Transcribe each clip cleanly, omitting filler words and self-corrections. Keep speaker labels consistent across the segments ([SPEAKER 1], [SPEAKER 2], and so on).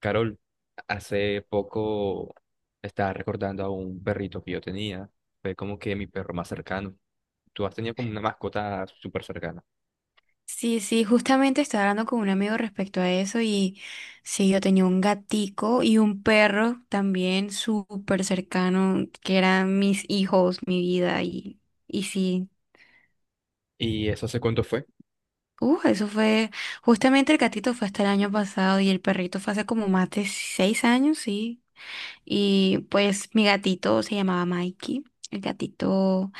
[SPEAKER 1] Carol, hace poco estaba recordando a un perrito que yo tenía. Fue como que mi perro más cercano. Tú has tenido como una mascota súper cercana.
[SPEAKER 2] Sí, sí, justamente estaba hablando con un amigo respecto a eso y sí, yo tenía un gatico y un perro también súper cercano, que eran mis hijos, mi vida y, y sí,
[SPEAKER 1] ¿Y eso hace cuánto fue?
[SPEAKER 2] uh, Eso fue, justamente el gatito fue hasta el año pasado y el perrito fue hace como más de 6 años, sí. Y pues mi gatito se llamaba Mikey. El gatito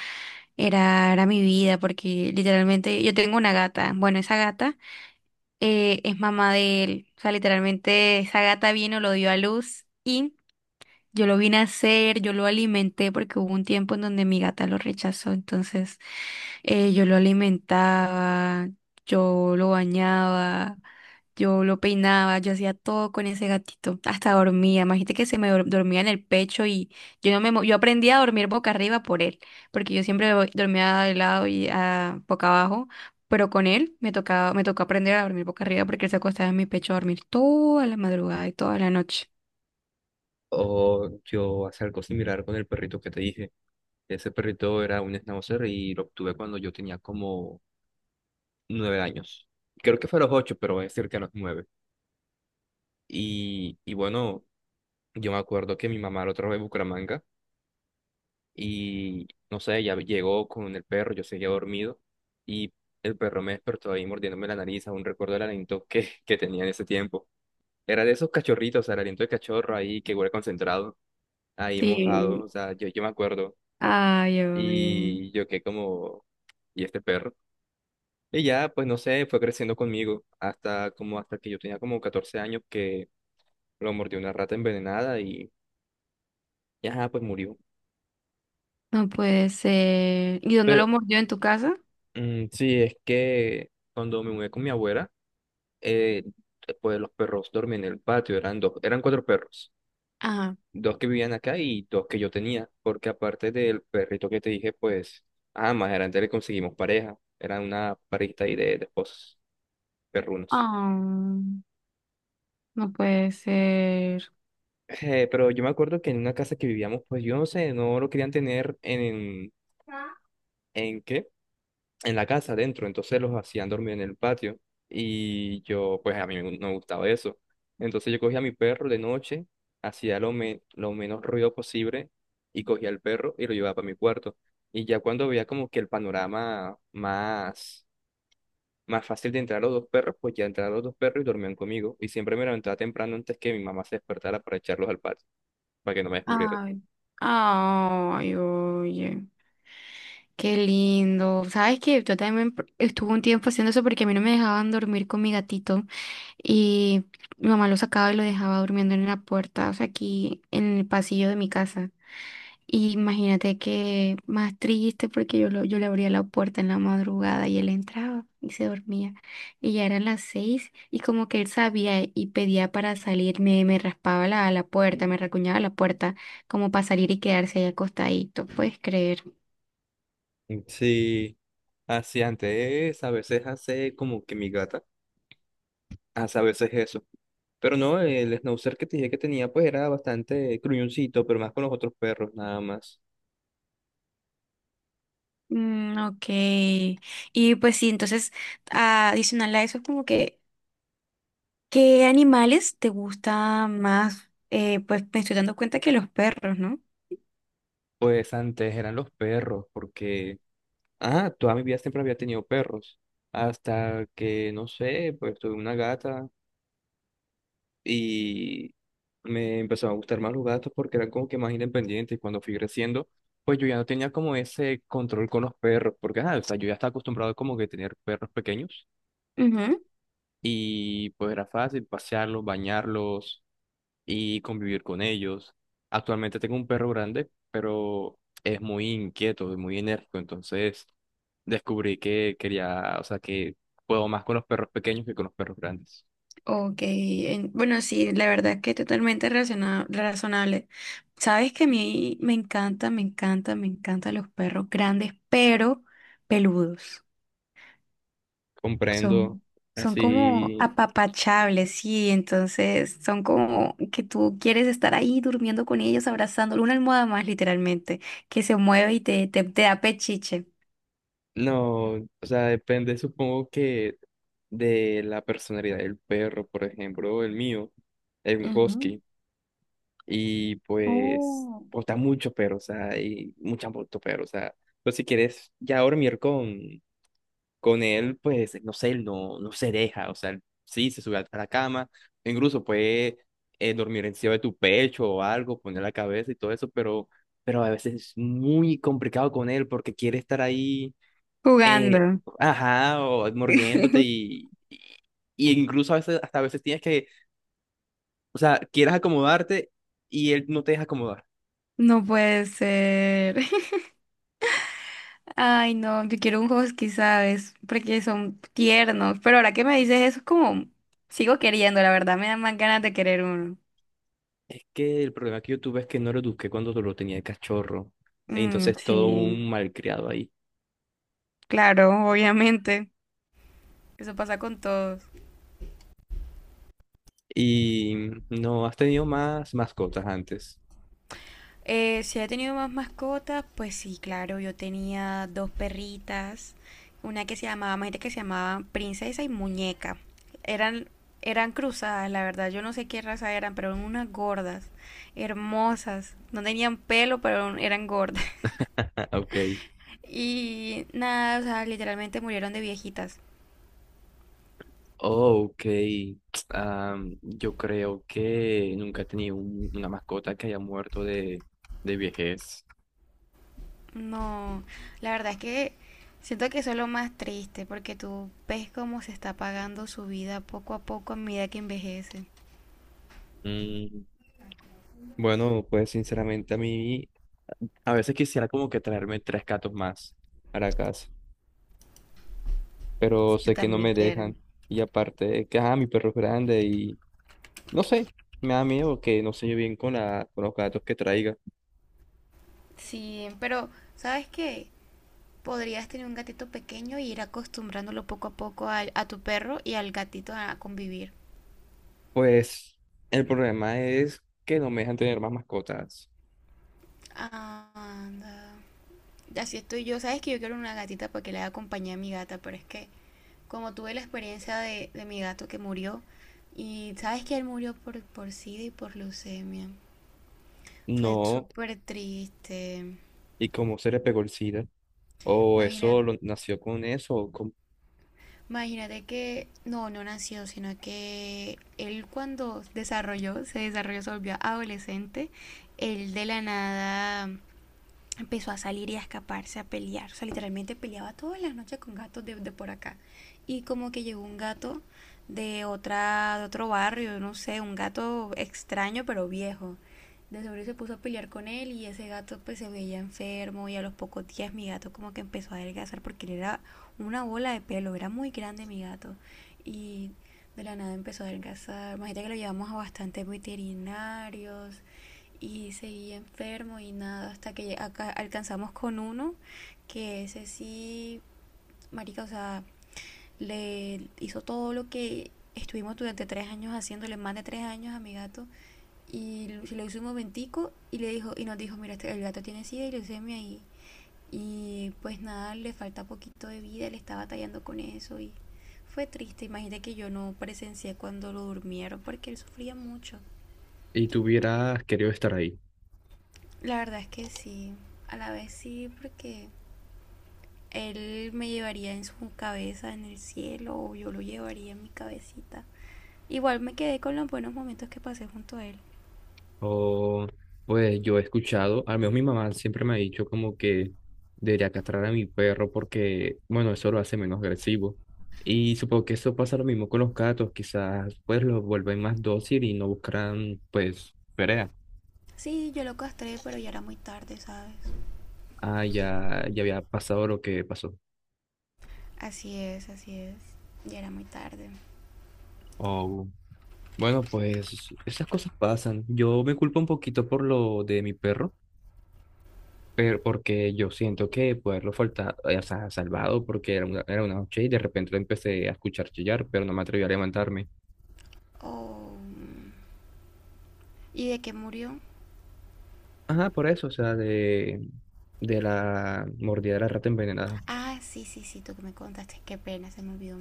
[SPEAKER 2] era mi vida porque literalmente yo tengo una gata. Bueno, esa gata es mamá de él. O sea, literalmente esa gata vino, lo dio a luz y yo lo vine a hacer, yo lo alimenté porque hubo un tiempo en donde mi gata lo rechazó, entonces yo lo alimentaba, yo lo bañaba, yo lo peinaba, yo hacía todo con ese gatito, hasta dormía, imagínate que dormía en el pecho y yo no me, mo- yo aprendí a dormir boca arriba por él, porque yo siempre dormía de lado y boca abajo, pero con él me tocaba, me tocó aprender a dormir boca arriba porque él se acostaba en mi pecho a dormir toda la madrugada y toda la noche.
[SPEAKER 1] O yo hace algo similar con el perrito que te dije. Ese perrito era un schnauzer y lo obtuve cuando yo tenía como nueve años. Creo que fue a los ocho, pero es cerca a los nueve. Y bueno, yo me acuerdo que mi mamá lo trajo de Bucaramanga y no sé, ya llegó con el perro, yo seguía dormido y el perro me despertó ahí mordiéndome la nariz, aún recuerdo el aliento que tenía en ese tiempo. Era de esos cachorritos, o sea, el aliento de cachorro ahí que huele concentrado, ahí mojado,
[SPEAKER 2] Sí.
[SPEAKER 1] o sea, yo me acuerdo
[SPEAKER 2] Ay, oye,
[SPEAKER 1] y yo quedé como, ¿y este perro? Y ya, pues no sé, fue creciendo conmigo hasta como hasta que yo tenía como 14 años que lo mordió una rata envenenada y ajá, pues murió.
[SPEAKER 2] no puede ser. ¿Y dónde
[SPEAKER 1] Pero
[SPEAKER 2] lo mordió? ¿En tu casa?
[SPEAKER 1] mm, sí, es que cuando me mudé con mi abuela, eh, pues los perros dormían en el patio, eran dos, eran cuatro perros,
[SPEAKER 2] Ajá.
[SPEAKER 1] dos que vivían acá y dos que yo tenía, porque aparte del perrito que te dije, pues, ah, más adelante le conseguimos pareja, era una parejita ahí de esposos perrunos.
[SPEAKER 2] Ah, no puede ser.
[SPEAKER 1] Pero yo me acuerdo que en una casa que vivíamos, pues yo no sé, no lo querían tener ¿en qué? En la casa adentro, entonces los hacían dormir en el patio y yo, pues a no me gustaba eso. Entonces yo cogía a mi perro de noche, hacía lo menos ruido posible y cogía al perro y lo llevaba para mi cuarto. Y ya cuando veía como que el panorama más fácil de entrar los dos perros, pues ya entraron los dos perros y dormían conmigo. Y siempre me levantaba temprano antes que mi mamá se despertara para echarlos al patio, para que no me descubrieran.
[SPEAKER 2] Ay. Ay, oye, qué lindo. ¿Sabes qué? Yo también estuve un tiempo haciendo eso porque a mí no me dejaban dormir con mi gatito y mi mamá lo sacaba y lo dejaba durmiendo en la puerta, o sea, aquí en el pasillo de mi casa. Y imagínate que más triste porque yo le abría la puerta en la madrugada y él entraba y se dormía. Y ya eran las seis y como que él sabía y pedía para salir, me raspaba la puerta, me racuñaba la puerta como para salir y quedarse ahí acostadito, ¿puedes creer?
[SPEAKER 1] Sí, así antes, a veces hace como que mi gata. A veces es eso. Pero no, el schnauzer que te dije que tenía, pues era bastante gruñoncito, pero más con los otros perros, nada más.
[SPEAKER 2] Mm, ok. Y pues sí, entonces, adicional a eso, como que ¿qué animales te gusta más? Pues me estoy dando cuenta que los perros, ¿no?
[SPEAKER 1] Pues antes eran los perros, porque, ah, toda mi vida siempre había tenido perros. Hasta que, no sé, pues tuve una gata y me empezaron a gustar más los gatos porque eran como que más independientes. Y cuando fui creciendo, pues yo ya no tenía como ese control con los perros, porque, ah, o sea, yo ya estaba acostumbrado como que tener perros pequeños.
[SPEAKER 2] Ujú.
[SPEAKER 1] Y pues era fácil pasearlos, bañarlos y convivir con ellos. Actualmente tengo un perro grande, pero es muy inquieto, es muy enérgico, entonces descubrí que quería, o sea, que puedo más con los perros pequeños que con los perros grandes.
[SPEAKER 2] Ok, bueno, sí, la verdad es que totalmente razonable. Sabes que a mí me encanta, me encanta, me encantan los perros grandes, pero peludos. Son,
[SPEAKER 1] Comprendo,
[SPEAKER 2] son como
[SPEAKER 1] así,
[SPEAKER 2] apapachables, sí, entonces son como que tú quieres estar ahí durmiendo con ellos, abrazándolo, una almohada más literalmente, que se mueve y te da pechiche.
[SPEAKER 1] no, o sea, depende, supongo que de la personalidad del perro, por ejemplo, el mío es un
[SPEAKER 2] Ujú.
[SPEAKER 1] husky y pues
[SPEAKER 2] Oh.
[SPEAKER 1] está mucho perro, o sea, hay mucha mucho perro, o sea, pero si quieres ya dormir con él, pues, no sé, él no, no se deja, o sea, él sí, se sube a la cama, incluso puede dormir encima de tu pecho o algo, poner la cabeza y todo eso, pero a veces es muy complicado con él porque quiere estar ahí, eh,
[SPEAKER 2] Jugando.
[SPEAKER 1] ajá, o y incluso a veces, hasta a veces tienes que, o sea, quieres acomodarte y él no te deja acomodar.
[SPEAKER 2] No puede ser. Ay, no, yo quiero un husky, ¿sabes? Porque son tiernos, pero ahora que me dices eso es como, sigo queriendo, la verdad, me dan más ganas de querer uno.
[SPEAKER 1] Es que el problema que yo tuve es que no lo eduqué cuando lo tenía de cachorro, y
[SPEAKER 2] Mm,
[SPEAKER 1] entonces todo
[SPEAKER 2] sí,
[SPEAKER 1] un malcriado ahí.
[SPEAKER 2] claro, obviamente. Eso pasa con todos.
[SPEAKER 1] Y no, has tenido más mascotas antes.
[SPEAKER 2] Si he tenido más mascotas, pues sí, claro, yo tenía dos perritas, una que se llamaba, imagínate que se llamaba Princesa y Muñeca. Eran, Eran cruzadas, la verdad, yo no sé qué raza eran, pero eran unas gordas, hermosas, no tenían pelo, pero eran gordas.
[SPEAKER 1] Ah, ok.
[SPEAKER 2] Y nada, o sea, literalmente murieron de viejitas.
[SPEAKER 1] Oh, ok. Am, yo creo que nunca he tenido una mascota que haya muerto de vejez.
[SPEAKER 2] No, la verdad es que siento que eso es lo más triste, porque tú ves cómo se está apagando su vida poco a poco a medida que envejece.
[SPEAKER 1] Mm, bueno, pues sinceramente a mí a veces quisiera como que traerme tres gatos más para casa, pero
[SPEAKER 2] Si tú
[SPEAKER 1] sé que no
[SPEAKER 2] también
[SPEAKER 1] me
[SPEAKER 2] quieres.
[SPEAKER 1] dejan. Y aparte, que ah, mi perro es grande y no sé, me da miedo que no se lleve bien con los gatos que traiga.
[SPEAKER 2] Sí, pero ¿sabes qué? Podrías tener un gatito pequeño y ir acostumbrándolo poco a poco a tu perro y al gatito a convivir.
[SPEAKER 1] Pues el problema es que no me dejan tener más mascotas.
[SPEAKER 2] Anda. Así estoy yo. Sabes que yo quiero una gatita para que le haga compañía a mi gata, pero es que como tuve la experiencia de mi gato que murió, y sabes que él murió por SIDA y por leucemia. Fue
[SPEAKER 1] No,
[SPEAKER 2] súper triste.
[SPEAKER 1] y como se le pegó el SIDA, o eso
[SPEAKER 2] Imagínate,
[SPEAKER 1] nació con eso, o con...
[SPEAKER 2] imagínate que, no, no nació, sino que él cuando desarrolló, se volvió adolescente, él de la nada empezó a salir y a escaparse, a pelear. O sea, literalmente peleaba todas las noches con gatos de por acá. Y como que llegó un gato de otra, de otro barrio, no sé, un gato extraño pero viejo. De seguro se puso a pelear con él y ese gato pues se veía enfermo y a los pocos días mi gato como que empezó a adelgazar porque él era una bola de pelo, era muy grande mi gato y de la nada empezó a adelgazar. Imagínate que lo llevamos a bastantes veterinarios y seguía enfermo y nada, hasta que acá alcanzamos con uno, que ese sí, marica, o sea, le hizo todo lo que estuvimos durante 3 años haciéndole, más de 3 años a mi gato, y se lo hizo un momentico y le dijo, y nos dijo, mira, el gato tiene sida y leucemia y pues nada, le falta poquito de vida, le estaba batallando con eso y fue triste, imagínate que yo no presencié cuando lo durmieron porque él sufría mucho.
[SPEAKER 1] Y tú hubieras querido estar ahí.
[SPEAKER 2] La verdad es que sí, a la vez sí, porque él me llevaría en su cabeza en el cielo o yo lo llevaría en mi cabecita. Igual me quedé con los buenos momentos que pasé junto a él.
[SPEAKER 1] O pues yo he escuchado, al menos mi mamá siempre me ha dicho como que debería castrar a mi perro porque, bueno, eso lo hace menos agresivo. Y supongo que eso pasa lo mismo con los gatos, quizás pues los vuelven más dócil y no buscarán pues pelea.
[SPEAKER 2] Sí, yo lo castré, pero ya era muy tarde, ¿sabes?
[SPEAKER 1] Ah, ya, ya había pasado lo que pasó.
[SPEAKER 2] Así es, así es. Ya era muy tarde.
[SPEAKER 1] Oh. Bueno, pues esas cosas pasan. Yo me culpo un poquito por lo de mi perro, pero porque yo siento que poderlo faltar, o sea, salvado, porque era una noche y de repente lo empecé a escuchar chillar, pero no me atreví a levantarme.
[SPEAKER 2] Oh. ¿Y de qué murió?
[SPEAKER 1] Ajá, por eso, o sea, de la mordida de la rata envenenada.
[SPEAKER 2] Ah, sí, sí, sí, tú que me contaste. Qué pena, se me olvidó.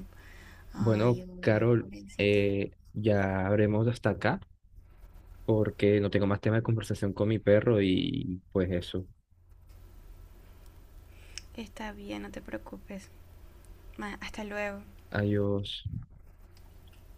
[SPEAKER 1] Bueno,
[SPEAKER 2] Ay, oye,
[SPEAKER 1] Carol,
[SPEAKER 2] pobrecito.
[SPEAKER 1] ya habremos hasta acá, porque no tengo más tema de conversación con mi perro y pues eso.
[SPEAKER 2] Está bien, no te preocupes. Ma, hasta luego.
[SPEAKER 1] Adiós.